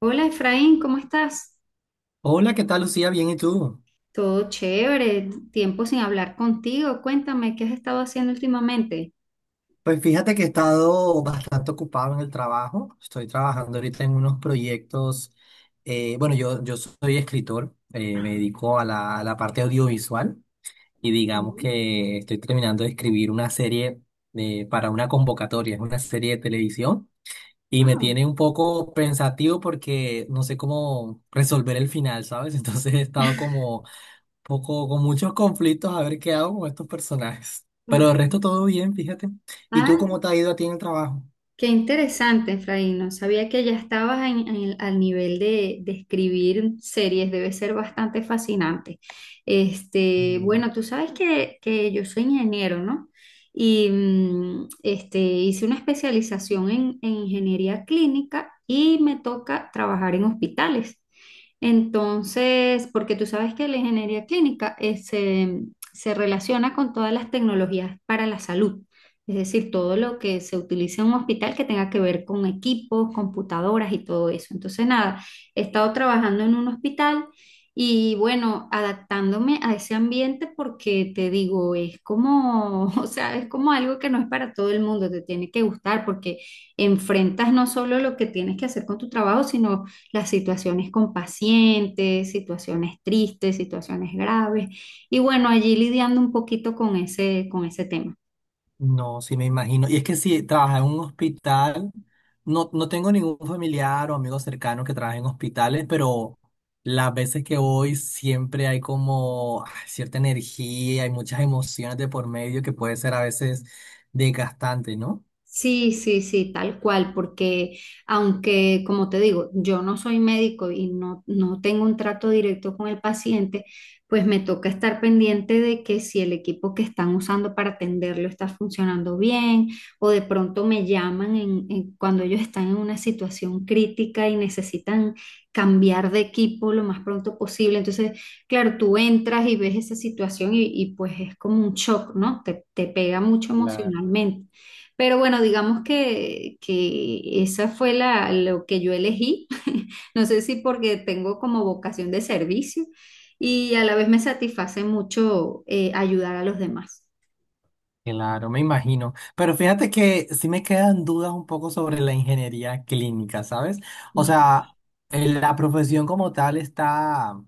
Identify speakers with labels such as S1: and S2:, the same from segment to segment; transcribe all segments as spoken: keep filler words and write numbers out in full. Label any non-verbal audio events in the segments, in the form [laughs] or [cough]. S1: Hola, Efraín, ¿cómo estás?
S2: Hola, ¿qué tal, Lucía? Bien, ¿y tú?
S1: Todo chévere, tiempo sin hablar contigo. Cuéntame, ¿qué has estado haciendo últimamente?
S2: Pues fíjate que he estado bastante ocupado en el trabajo. Estoy trabajando ahorita en unos proyectos. eh, bueno, yo, yo soy escritor. Eh, me dedico a la, a la parte audiovisual y digamos
S1: Mm.
S2: que estoy terminando de escribir una serie eh, para una convocatoria. Es una serie de televisión y me
S1: Wow.
S2: tiene un poco pensativo porque no sé cómo resolver el final, ¿sabes? [laughs] Entonces he estado como poco, con muchos conflictos a ver qué hago con estos personajes. Pero
S1: Ok.
S2: el resto todo bien, fíjate. ¿Y
S1: Ah,
S2: tú cómo te ha ido a ti en el trabajo?
S1: qué interesante, Efraín. No sabía que ya estabas en- en- al nivel de, de escribir series. Debe ser bastante fascinante. Este,
S2: Bien.
S1: bueno, tú sabes que, que yo soy ingeniero, ¿no? Y mm, este, hice una especialización en, en ingeniería clínica y me toca trabajar en hospitales. Entonces, porque tú sabes que la ingeniería clínica eh, se se relaciona con todas las tecnologías para la salud. Es decir, todo lo que se utilice en un hospital que tenga que ver con equipos, computadoras y todo eso. Entonces, nada, he estado trabajando en un hospital y bueno, adaptándome a ese ambiente porque te digo, es como, [laughs] o sea, es como algo que no es para todo el mundo, te tiene que gustar porque enfrentas no solo lo que tienes que hacer con tu trabajo, sino las situaciones con pacientes, situaciones tristes, situaciones graves y bueno, allí lidiando un poquito con ese, con ese tema.
S2: No, sí me imagino. Y es que si trabajas en un hospital, no, no tengo ningún familiar o amigo cercano que trabaje en hospitales, pero las veces que voy siempre hay como ah, cierta energía, hay muchas emociones de por medio que puede ser a veces desgastante, ¿no?
S1: Sí, sí, sí, tal cual, porque aunque, como te digo, yo no soy médico y no, no tengo un trato directo con el paciente, pues me toca estar pendiente de que si el equipo que están usando para atenderlo está funcionando bien, o de pronto me llaman en- en- cuando ellos están en una situación crítica y necesitan cambiar de equipo lo más pronto posible. Entonces, claro, tú entras y ves esa situación y, y pues es como un shock, ¿no? Te, te pega mucho emocionalmente. Pero bueno, digamos que, que esa fue la, lo que yo elegí. [laughs] No sé si porque tengo como vocación de servicio y a la vez me satisface mucho eh, ayudar a los demás.
S2: Claro, me imagino. Pero fíjate que sí me quedan dudas un poco sobre la ingeniería clínica, ¿sabes? O sea, eh, la profesión como tal está,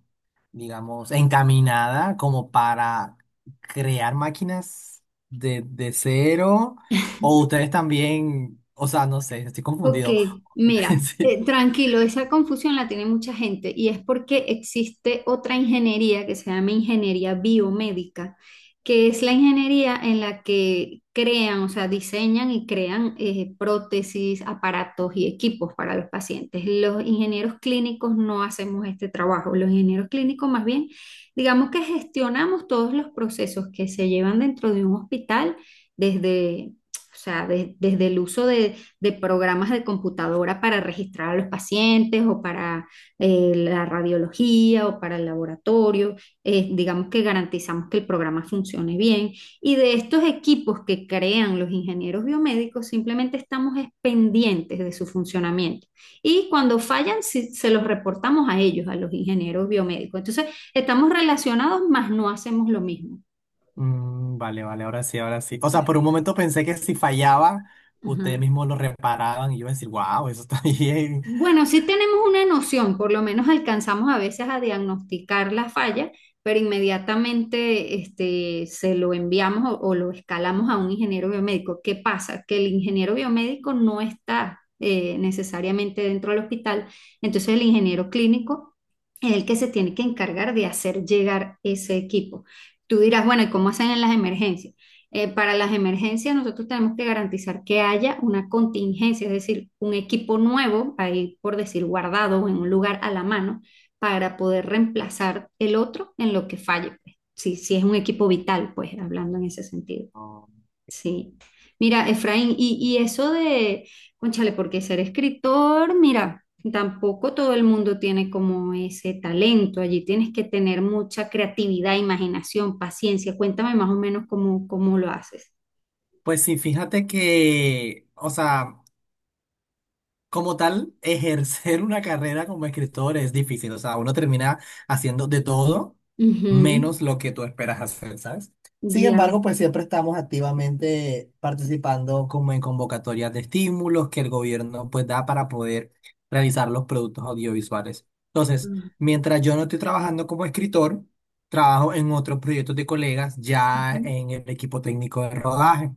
S2: digamos, encaminada como para crear máquinas de, de cero. O ustedes también, o sea, no sé, estoy
S1: Ok,
S2: confundido. [laughs]
S1: mira, eh,
S2: Sí.
S1: tranquilo, esa confusión la tiene mucha gente y es porque existe otra ingeniería que se llama ingeniería biomédica, que es la ingeniería en la que crean, o sea, diseñan y crean eh, prótesis, aparatos y equipos para los pacientes. Los ingenieros clínicos no hacemos este trabajo, los ingenieros clínicos más bien, digamos que gestionamos todos los procesos que se llevan dentro de un hospital desde... O sea, de- desde el uso de, de programas de computadora para registrar a los pacientes o para eh, la radiología o para el laboratorio. Eh, digamos que garantizamos que el programa funcione bien. Y de estos equipos que crean los ingenieros biomédicos, simplemente estamos pendientes de su funcionamiento. Y cuando fallan, si, se los reportamos a ellos, a los ingenieros biomédicos. Entonces, estamos relacionados, mas no hacemos lo mismo.
S2: Mm, vale, vale, ahora sí, ahora sí. O sea, por un momento pensé que si fallaba, ustedes
S1: Ajá.
S2: mismos lo reparaban y yo iba a decir, wow, eso está [laughs] bien.
S1: Bueno, sí tenemos una noción, por lo menos alcanzamos a veces a diagnosticar la falla, pero inmediatamente este, se lo enviamos o, o lo escalamos a un ingeniero biomédico. ¿Qué pasa? Que el ingeniero biomédico no está eh, necesariamente dentro del hospital, entonces el ingeniero clínico es el que se tiene que encargar de hacer llegar ese equipo. Tú dirás, bueno, ¿y cómo hacen en las emergencias? Eh, para las emergencias, nosotros tenemos que garantizar que haya una contingencia, es decir, un equipo nuevo, ahí por decir guardado en un lugar a la mano, para poder reemplazar el otro en lo que falle, pues. Si, si es un equipo vital, pues hablando en ese sentido. Sí. Mira, Efraín, y, y eso de, cónchale, porque ser escritor, mira, tampoco todo el mundo tiene como ese talento. Allí tienes que tener mucha creatividad, imaginación, paciencia. Cuéntame más o menos cómo, cómo lo haces.
S2: Pues sí, fíjate que, o sea, como tal, ejercer una carrera como escritor es difícil. O sea, uno termina haciendo de todo
S1: Ujú.
S2: menos lo que tú esperas hacer, ¿sabes? Sin
S1: Ya.
S2: embargo, pues siempre estamos activamente participando como en convocatorias de estímulos que el gobierno pues da para poder realizar los productos audiovisuales. Entonces,
S1: Ah,
S2: mientras yo no estoy trabajando como escritor, trabajo en otros proyectos de colegas ya
S1: ujú.
S2: en el equipo técnico de rodaje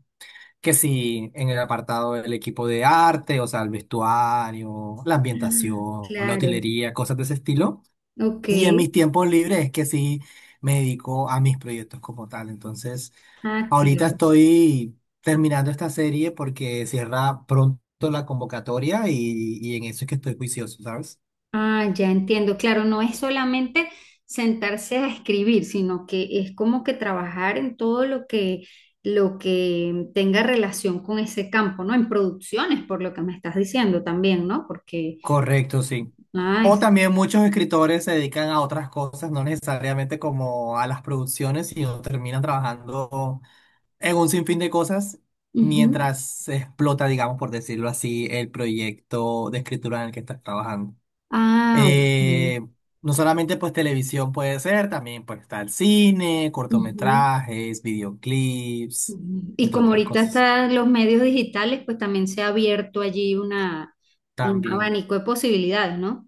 S2: que sí, en el apartado del equipo de arte, o sea, el vestuario, la ambientación, la
S1: Claro.
S2: utilería, cosas de ese estilo.
S1: Ok.
S2: Y en mis tiempos libres es que sí me dedico a mis proyectos como tal. Entonces,
S1: Ah,
S2: ahorita
S1: claro.
S2: estoy terminando esta serie porque cierra pronto la convocatoria y, y en eso es que estoy juicioso, ¿sabes?
S1: Ah, ya entiendo. Claro, no es solamente sentarse a escribir, sino que es como que trabajar en todo lo que, lo que tenga relación con ese campo, ¿no? En producciones, por lo que me estás diciendo también, ¿no? Porque,
S2: Correcto, sí.
S1: ah,
S2: O
S1: es-
S2: también muchos escritores se dedican a otras cosas, no necesariamente como a las producciones, sino terminan trabajando en un sinfín de cosas
S1: ujú.
S2: mientras se explota, digamos, por decirlo así, el proyecto de escritura en el que estás trabajando.
S1: Ah, ok.
S2: Eh, no solamente pues televisión puede ser, también puede estar cine,
S1: Ujú.
S2: cortometrajes, videoclips,
S1: Y
S2: entre
S1: como
S2: otras
S1: ahorita
S2: cosas.
S1: están los medios digitales, pues también se ha abierto allí una, un
S2: También,
S1: abanico de posibilidades, ¿no?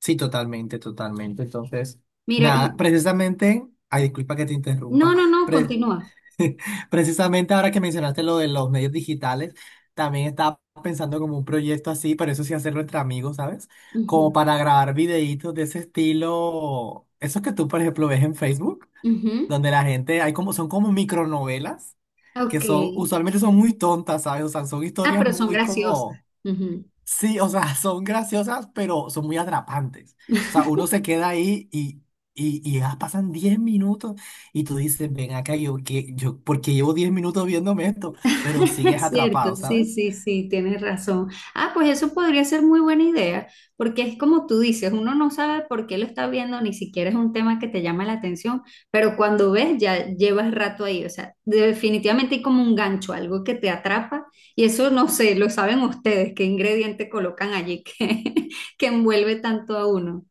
S2: sí, totalmente, totalmente. Entonces,
S1: Mira,
S2: nada,
S1: y
S2: precisamente, ay, disculpa que te interrumpa.
S1: no, no, no,
S2: Pre-
S1: continúa.
S2: [laughs] Precisamente ahora que mencionaste lo de los medios digitales, también estaba pensando como un proyecto así, pero eso sí hacerlo entre amigos, ¿sabes?
S1: Ujú,
S2: Como para grabar videitos de ese estilo, esos que tú, por ejemplo, ves en Facebook,
S1: ujú.
S2: donde la gente, hay como, son como micronovelas, que
S1: Ok.
S2: son, usualmente son muy tontas, ¿sabes? O sea, son
S1: Ah,
S2: historias
S1: pero son
S2: muy
S1: graciosas.
S2: como
S1: Ujú.
S2: sí, o sea, [laughs] son graciosas, pero son muy atrapantes.
S1: [laughs]
S2: O sea, uno se queda ahí y, y, y ya pasan diez minutos y tú dices, ven acá, yo, que, yo, ¿por qué llevo diez minutos viéndome esto? Pero
S1: [laughs]
S2: sigues
S1: Es cierto,
S2: atrapado,
S1: sí,
S2: ¿sabes?
S1: sí, sí, tienes razón. Ah, pues eso podría ser muy buena idea, porque es como tú dices, uno no sabe por qué lo está viendo, ni siquiera es un tema que te llama la atención, pero cuando ves ya llevas rato ahí, o sea, definitivamente hay como un gancho, algo que te atrapa, y eso no sé, lo saben ustedes, qué ingrediente colocan allí que, [laughs] que envuelve tanto a uno.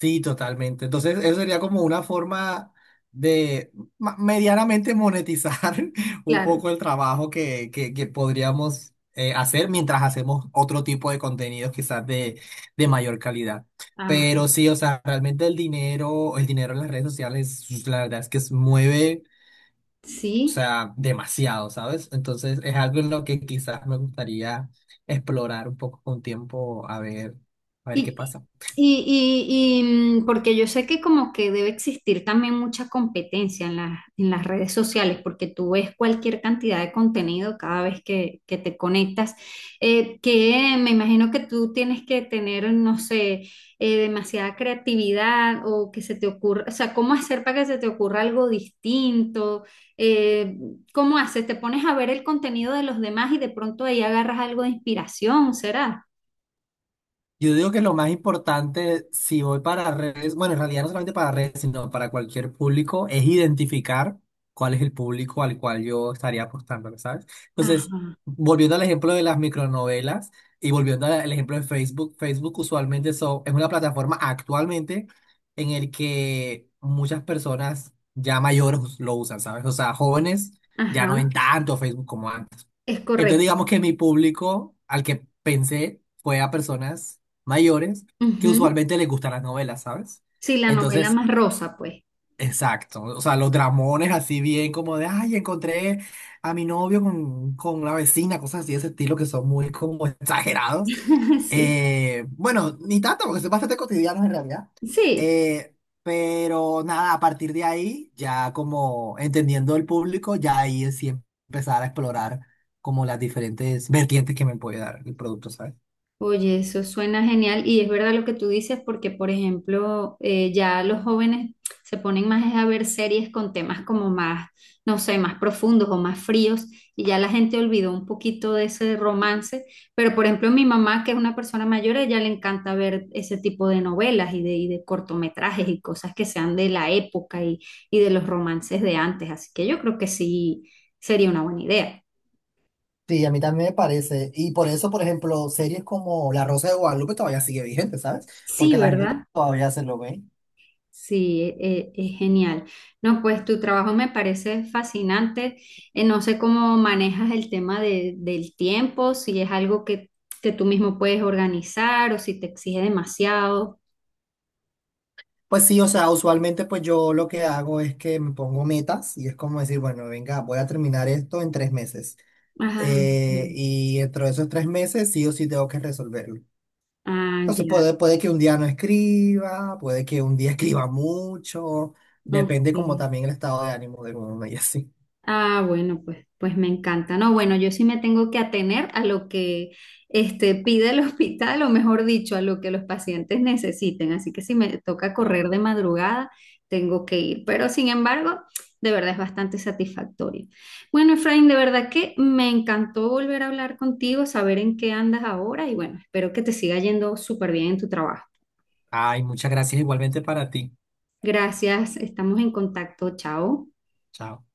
S2: Sí, totalmente. Entonces, eso sería como una forma de ma- medianamente monetizar [laughs] un
S1: Claro.
S2: poco el trabajo que, que, que podríamos eh, hacer mientras hacemos otro tipo de contenidos quizás de, de mayor calidad.
S1: Ah,
S2: Pero sí, o sea, realmente el dinero, el dinero en las redes sociales, pues, la verdad es que se mueve, o
S1: sí.
S2: sea, demasiado, ¿sabes? Entonces, es algo en lo que quizás me gustaría explorar un poco con tiempo, a ver, a ver qué
S1: Y,
S2: pasa.
S1: y, y- y, mm, porque yo sé que como que debe existir también mucha competencia en las, en las redes sociales, porque tú ves cualquier cantidad de contenido cada vez que, que te conectas, eh, que me imagino que tú tienes que tener, no sé, eh, demasiada creatividad o que se te ocurra, o sea, ¿cómo hacer para que se te ocurra algo distinto? Eh, ¿Cómo haces? ¿Te pones a ver el contenido de los demás y de pronto ahí agarras algo de inspiración, será?
S2: Yo digo que lo más importante, si voy para redes, bueno, en realidad no solamente para redes, sino para cualquier público, es identificar cuál es el público al cual yo estaría apostando, ¿sabes? Entonces,
S1: Ajá,
S2: volviendo al ejemplo de las micronovelas y volviendo al al ejemplo de Facebook, Facebook usualmente so- es una plataforma actualmente en el que muchas personas ya mayores lo usan, ¿sabes? O sea, jóvenes ya no ven
S1: ajá.
S2: tanto Facebook como antes.
S1: Es
S2: Entonces
S1: correcto.
S2: digamos que mi público al que pensé fue a personas mayores que
S1: Ujú.
S2: usualmente les gustan las novelas, ¿sabes?
S1: Sí, la novela
S2: Entonces,
S1: más rosa, pues.
S2: exacto, o sea, los dramones así bien como de, ay, encontré a mi novio con, con la vecina, cosas así de ese estilo que son muy como [laughs] exagerados.
S1: [laughs] Sí,
S2: Eh, bueno, ni tanto, porque son bastante cotidianos en realidad.
S1: sí.
S2: Eh, pero nada, a partir de ahí, ya como entendiendo el público, ya ahí es sí empezar a explorar como las diferentes vertientes que me puede dar el producto, ¿sabes?
S1: Oye, eso suena genial y es verdad lo que tú dices porque, por ejemplo, eh, ya los jóvenes se ponen más es a ver series con temas como más, no sé, más profundos o más fríos y ya la gente olvidó un poquito de ese romance, pero por ejemplo mi mamá, que es una persona mayor, a ella le encanta ver ese tipo de novelas y de, y de cortometrajes y cosas que sean de la época y, y de los romances de antes, así que yo creo que sí sería una buena idea.
S2: Sí, a mí también me parece. Y por eso, por ejemplo, series como La Rosa de Guadalupe todavía sigue vigente, ¿sabes?
S1: Sí,
S2: Porque la gente to-
S1: ¿verdad?
S2: todavía se lo ve.
S1: Sí, e- e- es genial. No, pues tu trabajo me parece fascinante. Eh, no sé cómo manejas el tema de- del tiempo, si es algo que, que tú mismo puedes organizar o si te exige demasiado.
S2: Pues sí, o sea, usualmente pues yo lo que hago es que me pongo metas y es como decir, bueno, venga, voy a terminar esto en tres meses.
S1: Ah,
S2: Eh,
S1: ok.
S2: y dentro de esos tres meses sí o sí tengo que resolverlo.
S1: Ah,
S2: Entonces
S1: ya.
S2: puede, puede que un día no escriba, puede que un día [laughs] escriba mucho, depende como
S1: Ok.
S2: también el estado de ánimo de uno y así.
S1: Ah, bueno, pues, pues me encanta. No, bueno, yo sí me tengo que atener a lo que este, pide el [laughs] hospital, o mejor dicho, a lo que los pacientes necesiten. Así que si me toca correr
S2: Claro.
S1: de madrugada, tengo que ir. Pero sin embargo, de verdad es bastante satisfactorio. Bueno, Efraín, de verdad que me encantó volver a hablar contigo, saber en qué andas ahora y bueno, espero que te siga yendo súper bien en tu trabajo.
S2: Ay, muchas gracias igualmente para ti.
S1: Gracias, estamos en contacto. Chao.
S2: Chao.